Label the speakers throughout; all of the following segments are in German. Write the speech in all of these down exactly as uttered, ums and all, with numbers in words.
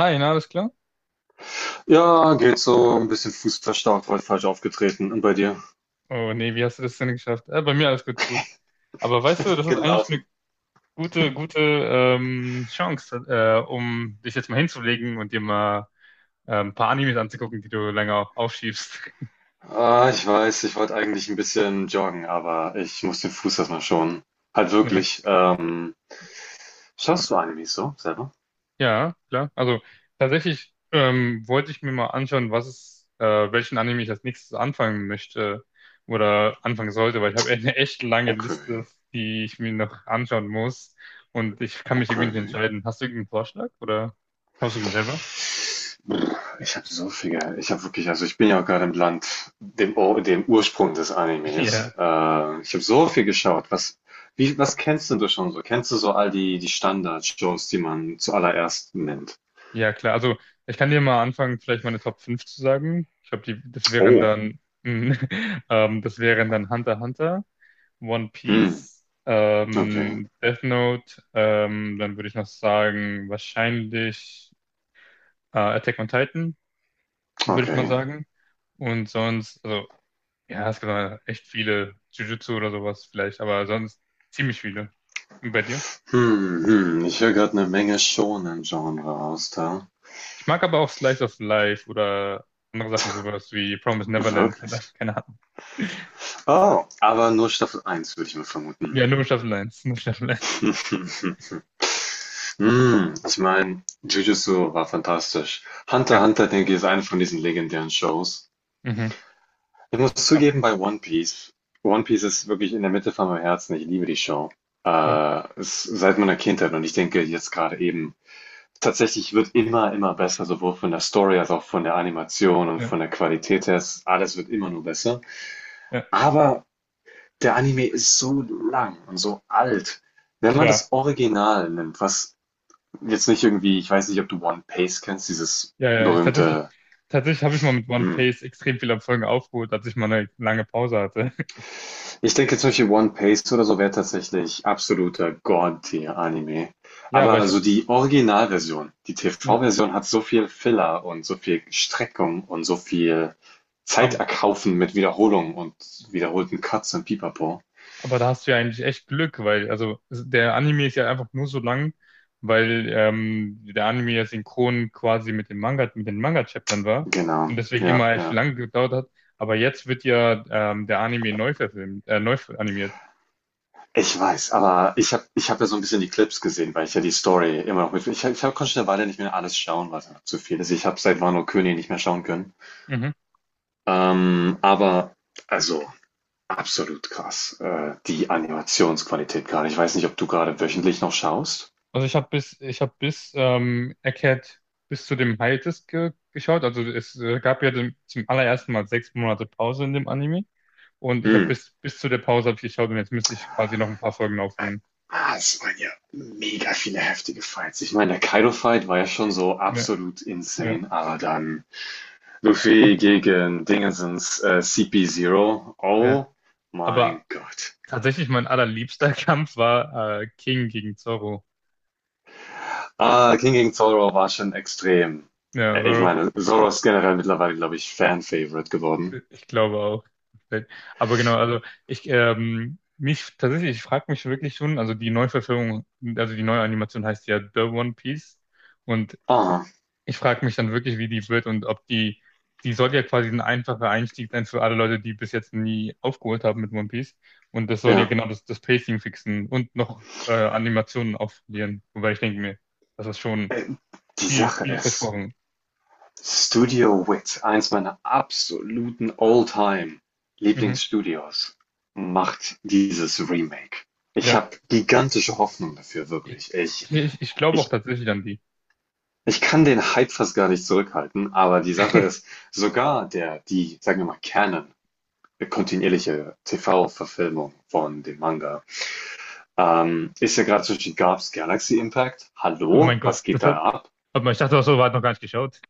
Speaker 1: Hi, na, alles klar?
Speaker 2: Ja, geht so. Ein bisschen fußverstaucht, heute falsch aufgetreten. Und bei dir?
Speaker 1: Oh nee, wie hast du das denn geschafft? Äh, bei mir alles gut, gut. Aber weißt du, das ist eigentlich eine
Speaker 2: Gelaufen.
Speaker 1: gute, gute ähm, Chance, äh, um dich jetzt mal hinzulegen und dir mal äh, ein paar Animes anzugucken, die du länger aufschiebst.
Speaker 2: Ah, ich weiß, ich wollte eigentlich ein bisschen joggen, aber ich muss den Fuß erstmal schonen. Halt wirklich. Ähm, schaust du Animes so selber?
Speaker 1: Ja, klar. Also tatsächlich ähm, wollte ich mir mal anschauen, was es, äh, welchen Anime ich als nächstes anfangen möchte oder anfangen sollte, weil ich habe eine echt lange Liste,
Speaker 2: Okay,
Speaker 1: die ich mir noch anschauen muss und ich kann mich irgendwie nicht
Speaker 2: okay.
Speaker 1: entscheiden. Hast du irgendeinen Vorschlag oder schaust du den selber?
Speaker 2: Brr, Ich habe so viel, Ich habe wirklich, also ich bin ja auch gerade im Land, dem, Ur- dem Ursprung des
Speaker 1: Ja.
Speaker 2: Animes. Äh, ich habe so viel geschaut. Was, wie, was kennst denn du schon so? Kennst du so all die, die Standard-Shows, die man zuallererst nennt?
Speaker 1: Ja, klar. Also ich kann dir mal anfangen, vielleicht meine Top fünf zu sagen. Ich glaube, die, das wären
Speaker 2: Oh.
Speaker 1: dann, ähm, das wären dann Hunter x Hunter, One
Speaker 2: Hm,
Speaker 1: Piece,
Speaker 2: okay,
Speaker 1: ähm, Death Note, ähm, dann würde ich noch sagen, wahrscheinlich äh, Attack on Titan, würde ich mal
Speaker 2: okay.
Speaker 1: sagen. Und sonst, also, ja, es gibt da echt viele, Jujutsu oder sowas vielleicht, aber sonst ziemlich viele. Und bei dir?
Speaker 2: Hm, hm, ich höre gerade eine Menge Shōnen-Genre raus da.
Speaker 1: Ich mag aber auch Slice of Life oder andere Sachen, sowas wie Promised Neverland oder
Speaker 2: Wirklich?
Speaker 1: keine Ahnung.
Speaker 2: Oh, aber nur Staffel eins würde ich mal vermuten.
Speaker 1: Ja, nur Staffel eins, nur Staffel eins.
Speaker 2: Hm, ich meine, Jujutsu war fantastisch. Hunter x
Speaker 1: Ja,
Speaker 2: Hunter, denke ich, ist eine von diesen legendären Shows.
Speaker 1: mhm.
Speaker 2: Ich muss
Speaker 1: Ja,
Speaker 2: zugeben, bei One Piece One Piece ist wirklich in der Mitte von meinem Herzen. Ich liebe die Show.
Speaker 1: ja,
Speaker 2: Ist seit meiner Kindheit, und ich denke jetzt gerade eben, tatsächlich wird immer, immer besser, sowohl von der Story als auch von der Animation und
Speaker 1: ja,
Speaker 2: von der Qualität her. Alles wird immer nur besser.
Speaker 1: ja,
Speaker 2: Aber der Anime ist so lang und so alt. Wenn man
Speaker 1: klar.
Speaker 2: das Original nimmt, was jetzt nicht irgendwie, ich weiß nicht, ob du One Piece kennst, dieses
Speaker 1: Ja, ja, ich tatsächlich,
Speaker 2: berühmte,
Speaker 1: tatsächlich habe ich mal mit One
Speaker 2: hm,
Speaker 1: Piece extrem viele Folgen aufgeholt, als ich mal eine lange Pause hatte.
Speaker 2: ich denke zum Beispiel One Piece oder so wäre tatsächlich absoluter God-Tier-Anime.
Speaker 1: Ja, aber
Speaker 2: Aber
Speaker 1: ich habe,
Speaker 2: also die Originalversion, die
Speaker 1: ja,
Speaker 2: T V-Version hat so viel Filler und so viel Streckung und so viel Zeit
Speaker 1: aber,
Speaker 2: erkaufen mit Wiederholungen und wiederholten Cuts und Pipapo.
Speaker 1: aber da hast du ja eigentlich echt Glück, weil, also, der Anime ist ja einfach nur so lang, weil ähm, der Anime ja synchron quasi mit dem Manga, mit den Manga-Chaptern war und
Speaker 2: Genau,
Speaker 1: deswegen
Speaker 2: ja,
Speaker 1: immer echt
Speaker 2: ja.
Speaker 1: lang gedauert hat. Aber jetzt wird ja ähm, der Anime neu verfilmt, äh, neu animiert.
Speaker 2: Ich weiß, aber ich habe ich hab ja so ein bisschen die Clips gesehen, weil ich ja die Story immer noch mit. Ich, hab- ich hab, konnte schon eine Weile nicht mehr alles schauen, weil es einfach zu viel ist. Ich habe seit Wano König nicht mehr schauen können.
Speaker 1: Mhm.
Speaker 2: Ähm, aber, also, Absolut krass. Äh, die Animationsqualität gerade. Ich weiß nicht, ob du gerade wöchentlich noch schaust.
Speaker 1: Also ich habe bis, ich habe bis ähm, Egghead bis zu dem High Disc ge geschaut. Also es äh, gab ja den, zum allerersten Mal sechs Monate Pause in dem Anime. Und ich habe
Speaker 2: Hm.
Speaker 1: bis, bis zu der Pause hab ich geschaut und jetzt müsste ich quasi noch ein paar Folgen aufholen.
Speaker 2: Ah, es waren ja mega viele heftige Fights. Ich meine, der Kaido-Fight war ja schon so
Speaker 1: Ja,
Speaker 2: absolut
Speaker 1: ja,
Speaker 2: insane, aber dann Luffy gegen Dingensens äh, cp Zero.
Speaker 1: ja.
Speaker 2: Oh mein
Speaker 1: Aber
Speaker 2: Gott.
Speaker 1: tatsächlich mein allerliebster Kampf war äh, King gegen Zoro.
Speaker 2: Ah, King gegen Zoro war schon extrem.
Speaker 1: Ja,
Speaker 2: Äh, Ich meine, Zoro ist generell mittlerweile, glaube ich, Fan-Favorite geworden.
Speaker 1: ich glaube auch. Aber genau, also ich ähm, mich tatsächlich, ich frage mich wirklich schon, also die Neuverfilmung, also die neue Animation heißt ja The One Piece und
Speaker 2: Ah,
Speaker 1: ich frage mich dann wirklich, wie die wird und ob die, die soll ja quasi ein einfacher Einstieg sein für alle Leute, die bis jetzt nie aufgeholt haben mit One Piece und das soll ja
Speaker 2: ja.
Speaker 1: genau das, das Pacing fixen und noch äh, Animationen aufpolieren, wobei ich denke mir, das ist schon
Speaker 2: Äh, die
Speaker 1: viel,
Speaker 2: Sache
Speaker 1: viel
Speaker 2: ist,
Speaker 1: versprochen.
Speaker 2: Studio Wit, eins meiner absoluten
Speaker 1: Mhm.
Speaker 2: All-Time-Lieblingsstudios, macht dieses Remake. Ich
Speaker 1: Ja,
Speaker 2: habe gigantische Hoffnung dafür,
Speaker 1: ich,
Speaker 2: wirklich. Ich,
Speaker 1: ich, ich glaube auch
Speaker 2: ich,
Speaker 1: tatsächlich an die.
Speaker 2: ich kann den Hype fast gar nicht zurückhalten, aber die Sache ist, sogar der, die, sagen wir mal, Canon, äh, kontinuierliche T V-Verfilmung von dem Manga, ähm, ist ja gerade zwischen Garps Galaxy Impact.
Speaker 1: Oh
Speaker 2: Hallo,
Speaker 1: mein Gott,
Speaker 2: was geht
Speaker 1: das hat,
Speaker 2: da ab?
Speaker 1: hat man, ich dachte auch so, war noch gar nicht geschaut.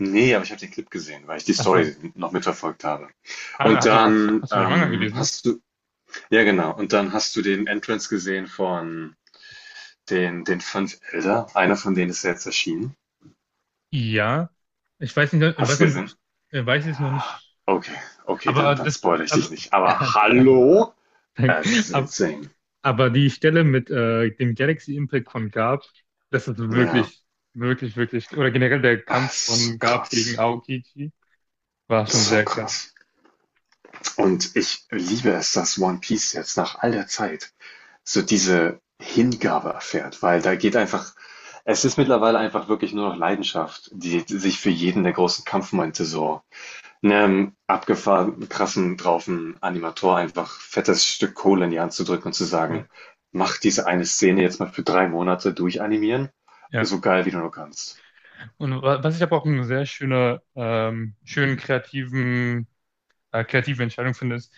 Speaker 2: Ne, aber ich habe den Clip gesehen, weil ich die
Speaker 1: Ach so.
Speaker 2: Story noch mitverfolgt habe.
Speaker 1: Ah,
Speaker 2: Und
Speaker 1: Hast du, hast,
Speaker 2: dann,
Speaker 1: hast du den Manga
Speaker 2: ähm,
Speaker 1: gelesen?
Speaker 2: hast du ja genau, und dann hast du den Entrance gesehen von den den fünf Elder. Einer von denen ist ja jetzt erschienen.
Speaker 1: Ja. Ich weiß nicht, ich
Speaker 2: Hast
Speaker 1: weiß
Speaker 2: du
Speaker 1: noch nicht, ob
Speaker 2: gesehen?
Speaker 1: ich, äh, weiß es noch nicht.
Speaker 2: Okay, okay, dann
Speaker 1: Aber
Speaker 2: dann
Speaker 1: das,
Speaker 2: spoilere ich
Speaker 1: also,
Speaker 2: dich nicht. Aber hallo?
Speaker 1: danke.
Speaker 2: Es ist
Speaker 1: Aber,
Speaker 2: insane.
Speaker 1: aber die Stelle mit äh, dem Galaxy Impact von Garp, das ist
Speaker 2: Ja,
Speaker 1: wirklich, wirklich, wirklich, oder generell der
Speaker 2: ah,
Speaker 1: Kampf
Speaker 2: es ist so
Speaker 1: von Garp gegen
Speaker 2: krass.
Speaker 1: Aokiji war schon
Speaker 2: So
Speaker 1: sehr krass.
Speaker 2: krass. Und ich liebe es, dass One Piece jetzt nach all der Zeit so diese Hingabe erfährt, weil da geht einfach, es ist mittlerweile einfach wirklich nur noch Leidenschaft, die sich für jeden der großen Kampfmomente so einem abgefahrenen, krassen, draufen Animator einfach fettes Stück Kohle in die Hand zu drücken und zu
Speaker 1: Ja.
Speaker 2: sagen, mach diese eine Szene jetzt mal für drei Monate durchanimieren,
Speaker 1: Ja.
Speaker 2: so geil wie du nur kannst.
Speaker 1: Und wa- was ich aber auch einen sehr schöner, ähm, schönen kreativen äh, kreative Entscheidung findest,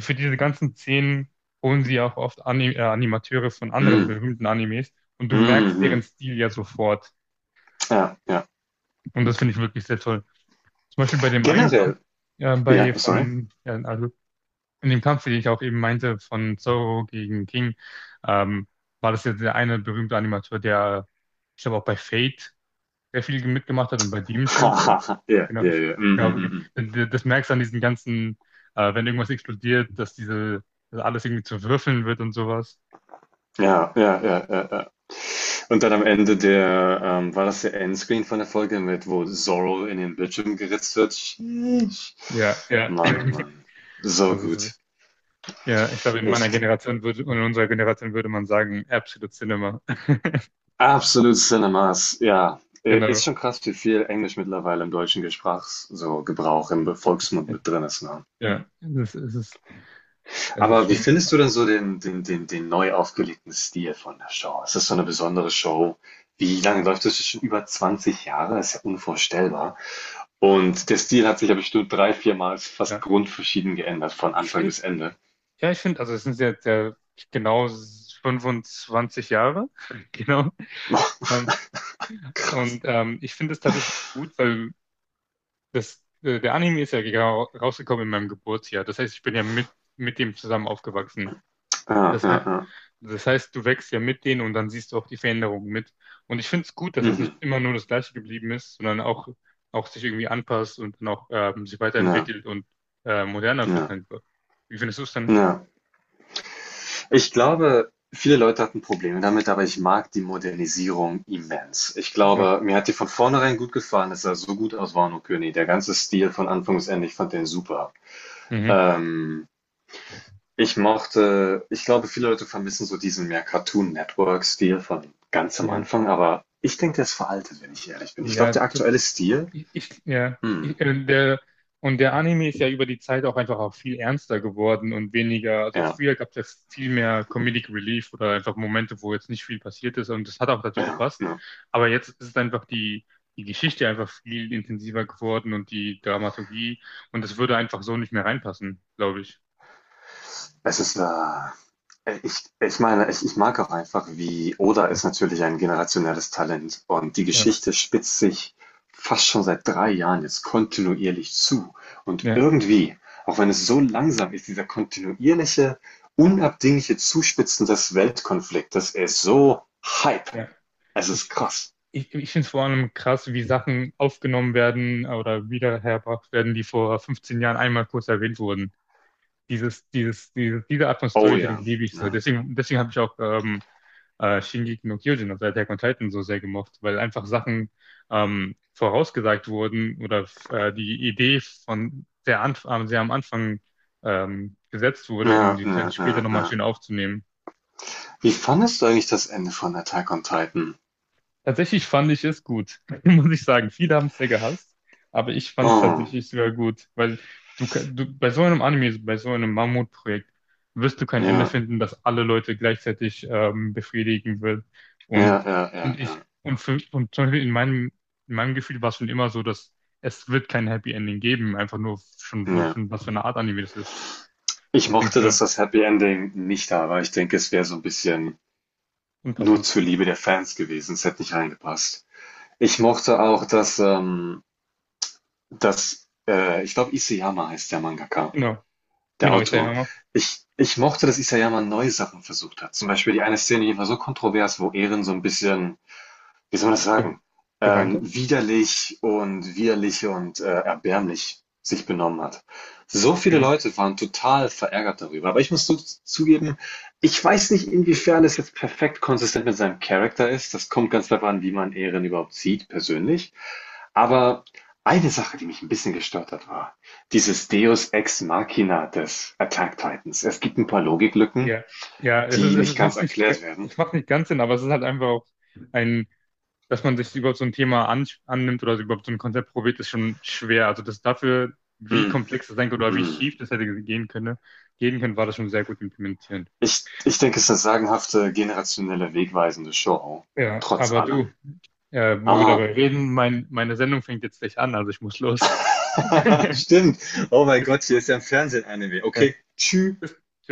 Speaker 1: für diese ganzen Szenen holen sie auch oft Ani äh, Animateure von anderen
Speaker 2: Mm,
Speaker 1: berühmten Animes und du merkst deren
Speaker 2: mhm.
Speaker 1: Stil ja sofort.
Speaker 2: Ja, ja.
Speaker 1: Und das finde ich wirklich sehr toll. Zum Beispiel bei dem einen Kampf,
Speaker 2: Generell,
Speaker 1: äh,
Speaker 2: ja,
Speaker 1: bei
Speaker 2: sorry.
Speaker 1: von, ja, also in dem Kampf, den ich auch eben meinte, von Zoro gegen King, ähm, war das jetzt der eine berühmte Animateur, der, ich glaube auch bei Fate sehr viel mitgemacht hat und bei Doomsday und so.
Speaker 2: Ja, ja,
Speaker 1: Genau, ich
Speaker 2: ja. Mm, mm,
Speaker 1: glaube, ge-
Speaker 2: mm, mm.
Speaker 1: denn d- das merkst du an diesen ganzen, äh, wenn irgendwas explodiert, dass diese, dass alles irgendwie zu Würfeln wird und sowas.
Speaker 2: Ja, ja, ja, ja, ja. Und dann am Ende der, ähm, war das der Endscreen von der Folge mit, wo Zorro in den Bildschirm geritzt wird? Sheesh.
Speaker 1: Ja, ja.
Speaker 2: Mann, oh Mann. So
Speaker 1: Also, es-
Speaker 2: gut.
Speaker 1: ja, ich glaube, in meiner
Speaker 2: Ich,
Speaker 1: Generation würde, und in unserer Generation würde man sagen, Absolute Cinema.
Speaker 2: absolut Cinemas, ja. Äh, ist
Speaker 1: Genau.
Speaker 2: schon krass, wie viel Englisch mittlerweile im deutschen Gesprachs so Gebrauch im Volksmund mit drin ist, ne?
Speaker 1: Ja, es ist, es ist, es ist
Speaker 2: Aber wie
Speaker 1: schon,
Speaker 2: findest du denn so den, den, den, den neu aufgelegten Stil von der Show? Ist das so eine besondere Show? Wie lange läuft das schon? Über zwanzig Jahre? Ist ja unvorstellbar. Und der Stil hat sich ja bestimmt drei, viermal fast
Speaker 1: ja.
Speaker 2: grundverschieden geändert, von
Speaker 1: Ich
Speaker 2: Anfang
Speaker 1: finde,
Speaker 2: bis Ende.
Speaker 1: ja, ich finde, also es sind jetzt ja genau fünfundzwanzig Jahre, genau.
Speaker 2: Boah,
Speaker 1: Und,
Speaker 2: krass.
Speaker 1: und ähm, ich finde es tatsächlich gut, weil das, äh, der Anime ist ja genau rausgekommen in meinem Geburtsjahr. Das heißt, ich bin ja mit, mit dem zusammen aufgewachsen.
Speaker 2: Ja,
Speaker 1: Das,
Speaker 2: ja,
Speaker 1: hei-
Speaker 2: ja.
Speaker 1: Das heißt, du wächst ja mit denen und dann siehst du auch die Veränderungen mit. Und ich finde es gut, dass es nicht
Speaker 2: Mhm.
Speaker 1: immer nur das Gleiche geblieben ist, sondern auch, auch sich irgendwie anpasst und dann auch ähm, sich
Speaker 2: Ja,
Speaker 1: weiterentwickelt und äh, moderner wird
Speaker 2: ja,
Speaker 1: einfach. Wie findest du es dann?
Speaker 2: ja. Ich glaube, viele Leute hatten Probleme damit, aber ich mag die Modernisierung immens. Ich
Speaker 1: Ja.
Speaker 2: glaube, mir hat die von vornherein gut gefallen. Es sah so gut aus, Wano König. Der ganze Stil von Anfang bis Ende, ich fand den super.
Speaker 1: Mhm.
Speaker 2: Ähm, ich mochte, ich glaube, viele Leute vermissen so diesen mehr Cartoon Network-Stil von ganz am
Speaker 1: Ja.
Speaker 2: Anfang, aber ich denke, der ist veraltet, wenn ich ehrlich bin. Ich glaube,
Speaker 1: Ja,
Speaker 2: der
Speaker 1: das,
Speaker 2: aktuelle Stil,
Speaker 1: Ich, ich, ja,
Speaker 2: hm,
Speaker 1: ich, äh, der, Und der Anime ist ja über die Zeit auch einfach auch viel ernster geworden und weniger, also
Speaker 2: ja,
Speaker 1: früher gab es ja viel mehr Comedic Relief oder einfach Momente, wo jetzt nicht viel passiert ist und das hat auch dazu
Speaker 2: ja,
Speaker 1: gepasst.
Speaker 2: ja.
Speaker 1: Aber jetzt ist einfach die, die Geschichte einfach viel intensiver geworden und die Dramaturgie und das würde einfach so nicht mehr reinpassen, glaube ich.
Speaker 2: Es ist, äh, ich, ich meine, ich, ich mag auch einfach, wie Oda ist natürlich ein generationelles Talent, und die
Speaker 1: Ja,
Speaker 2: Geschichte spitzt sich fast schon seit drei Jahren jetzt kontinuierlich zu. Und
Speaker 1: ja,
Speaker 2: irgendwie, auch wenn es so langsam ist, dieser kontinuierliche, unabdingliche Zuspitzen des Weltkonfliktes ist so Hype.
Speaker 1: ja.
Speaker 2: Es ist
Speaker 1: Ich, ich,
Speaker 2: krass.
Speaker 1: ich, Ich finde es vor allem krass, wie Sachen aufgenommen werden oder wiederhergebracht werden, die vor fünfzehn Jahren einmal kurz erwähnt wurden. Dieses, dieses, diese, diese Art von
Speaker 2: Oh ja.
Speaker 1: Storytelling liebe ich so.
Speaker 2: Ja,
Speaker 1: Deswegen, deswegen habe ich auch ähm, äh, Shingeki no Kyojin, also Attack on Titan, so sehr gemocht, weil einfach Sachen ähm, vorausgesagt wurden oder äh, die Idee von sehr, anf äh, sehr am Anfang ähm, gesetzt wurde, um
Speaker 2: ja,
Speaker 1: die sich dann
Speaker 2: ja,
Speaker 1: später
Speaker 2: ja,
Speaker 1: nochmal
Speaker 2: ja.
Speaker 1: schön aufzunehmen.
Speaker 2: Wie fandest du eigentlich das Ende von Attack on Titan?
Speaker 1: Tatsächlich fand ich es gut, muss ich sagen. Viele haben es sehr gehasst, aber ich fand es
Speaker 2: Oh,
Speaker 1: tatsächlich sogar gut, weil du, ka- du bei so einem Anime, bei so einem Mammutprojekt wirst du kein Ende
Speaker 2: ja,
Speaker 1: finden, das alle Leute gleichzeitig ähm, befriedigen wird.
Speaker 2: ja,
Speaker 1: Und,
Speaker 2: ja, ja,
Speaker 1: und
Speaker 2: ja,
Speaker 1: ich, und, für, und zum Beispiel in meinem, in meinem Gefühl war es schon immer so, dass es wird kein Happy Ending geben, einfach nur schon, wa-
Speaker 2: ja.
Speaker 1: schon was für eine Art Anime das ist.
Speaker 2: Ich
Speaker 1: Was denkst du
Speaker 2: mochte, dass
Speaker 1: denn?
Speaker 2: das Happy Ending nicht da war. Ich denke, es wäre so ein bisschen nur
Speaker 1: Unpassend.
Speaker 2: zur Liebe der Fans gewesen. Es hätte nicht reingepasst. Ich mochte auch, dass, ähm dass, äh ich glaube, Isayama heißt der Mangaka,
Speaker 1: Genau,
Speaker 2: der
Speaker 1: genau, ich sage ja
Speaker 2: Autor.
Speaker 1: immer,
Speaker 2: Ich ich mochte, dass Isayama neue Sachen versucht hat. Zum Beispiel die eine Szene, die war so kontrovers, wo Eren so ein bisschen, wie soll man das
Speaker 1: ge-
Speaker 2: sagen,
Speaker 1: geweint
Speaker 2: ähm,
Speaker 1: hat.
Speaker 2: widerlich und widerlich und äh, erbärmlich sich benommen hat. So viele
Speaker 1: Mhm.
Speaker 2: Leute waren total verärgert darüber. Aber ich muss zu zugeben, ich weiß nicht, inwiefern es jetzt perfekt konsistent mit seinem Charakter ist. Das kommt ganz darauf an, wie man Eren überhaupt sieht, persönlich. Aber eine Sache, die mich ein bisschen gestört hat, war dieses Deus Ex Machina des Attack Titans. Es gibt ein paar Logiklücken,
Speaker 1: Ja, ja, es, ist-
Speaker 2: die nicht
Speaker 1: es
Speaker 2: ganz
Speaker 1: macht nicht, ge-
Speaker 2: erklärt werden.
Speaker 1: es macht nicht ganz Sinn, aber es ist halt einfach auch ein, dass man sich überhaupt so ein Thema an, annimmt oder überhaupt so ein Konzept probiert, ist schon schwer. Also das dafür, wie
Speaker 2: Mm,
Speaker 1: komplex das sein könnte oder wie
Speaker 2: mm.
Speaker 1: schief das hätte gehen können, gehen können, war das schon sehr gut implementiert.
Speaker 2: Ich ich denke, es ist 'ne sagenhafte, generationelle, wegweisende Show,
Speaker 1: Ja,
Speaker 2: trotz
Speaker 1: aber
Speaker 2: allem.
Speaker 1: du, äh, wo wir
Speaker 2: Ah,
Speaker 1: dabei reden, mein, meine Sendung fängt jetzt gleich an, also ich muss los.
Speaker 2: stimmt. Oh mein
Speaker 1: Bis,
Speaker 2: Gott, hier ist ja im Fernsehen Anime.
Speaker 1: äh,
Speaker 2: Okay, tschü.
Speaker 1: bis, tschüss.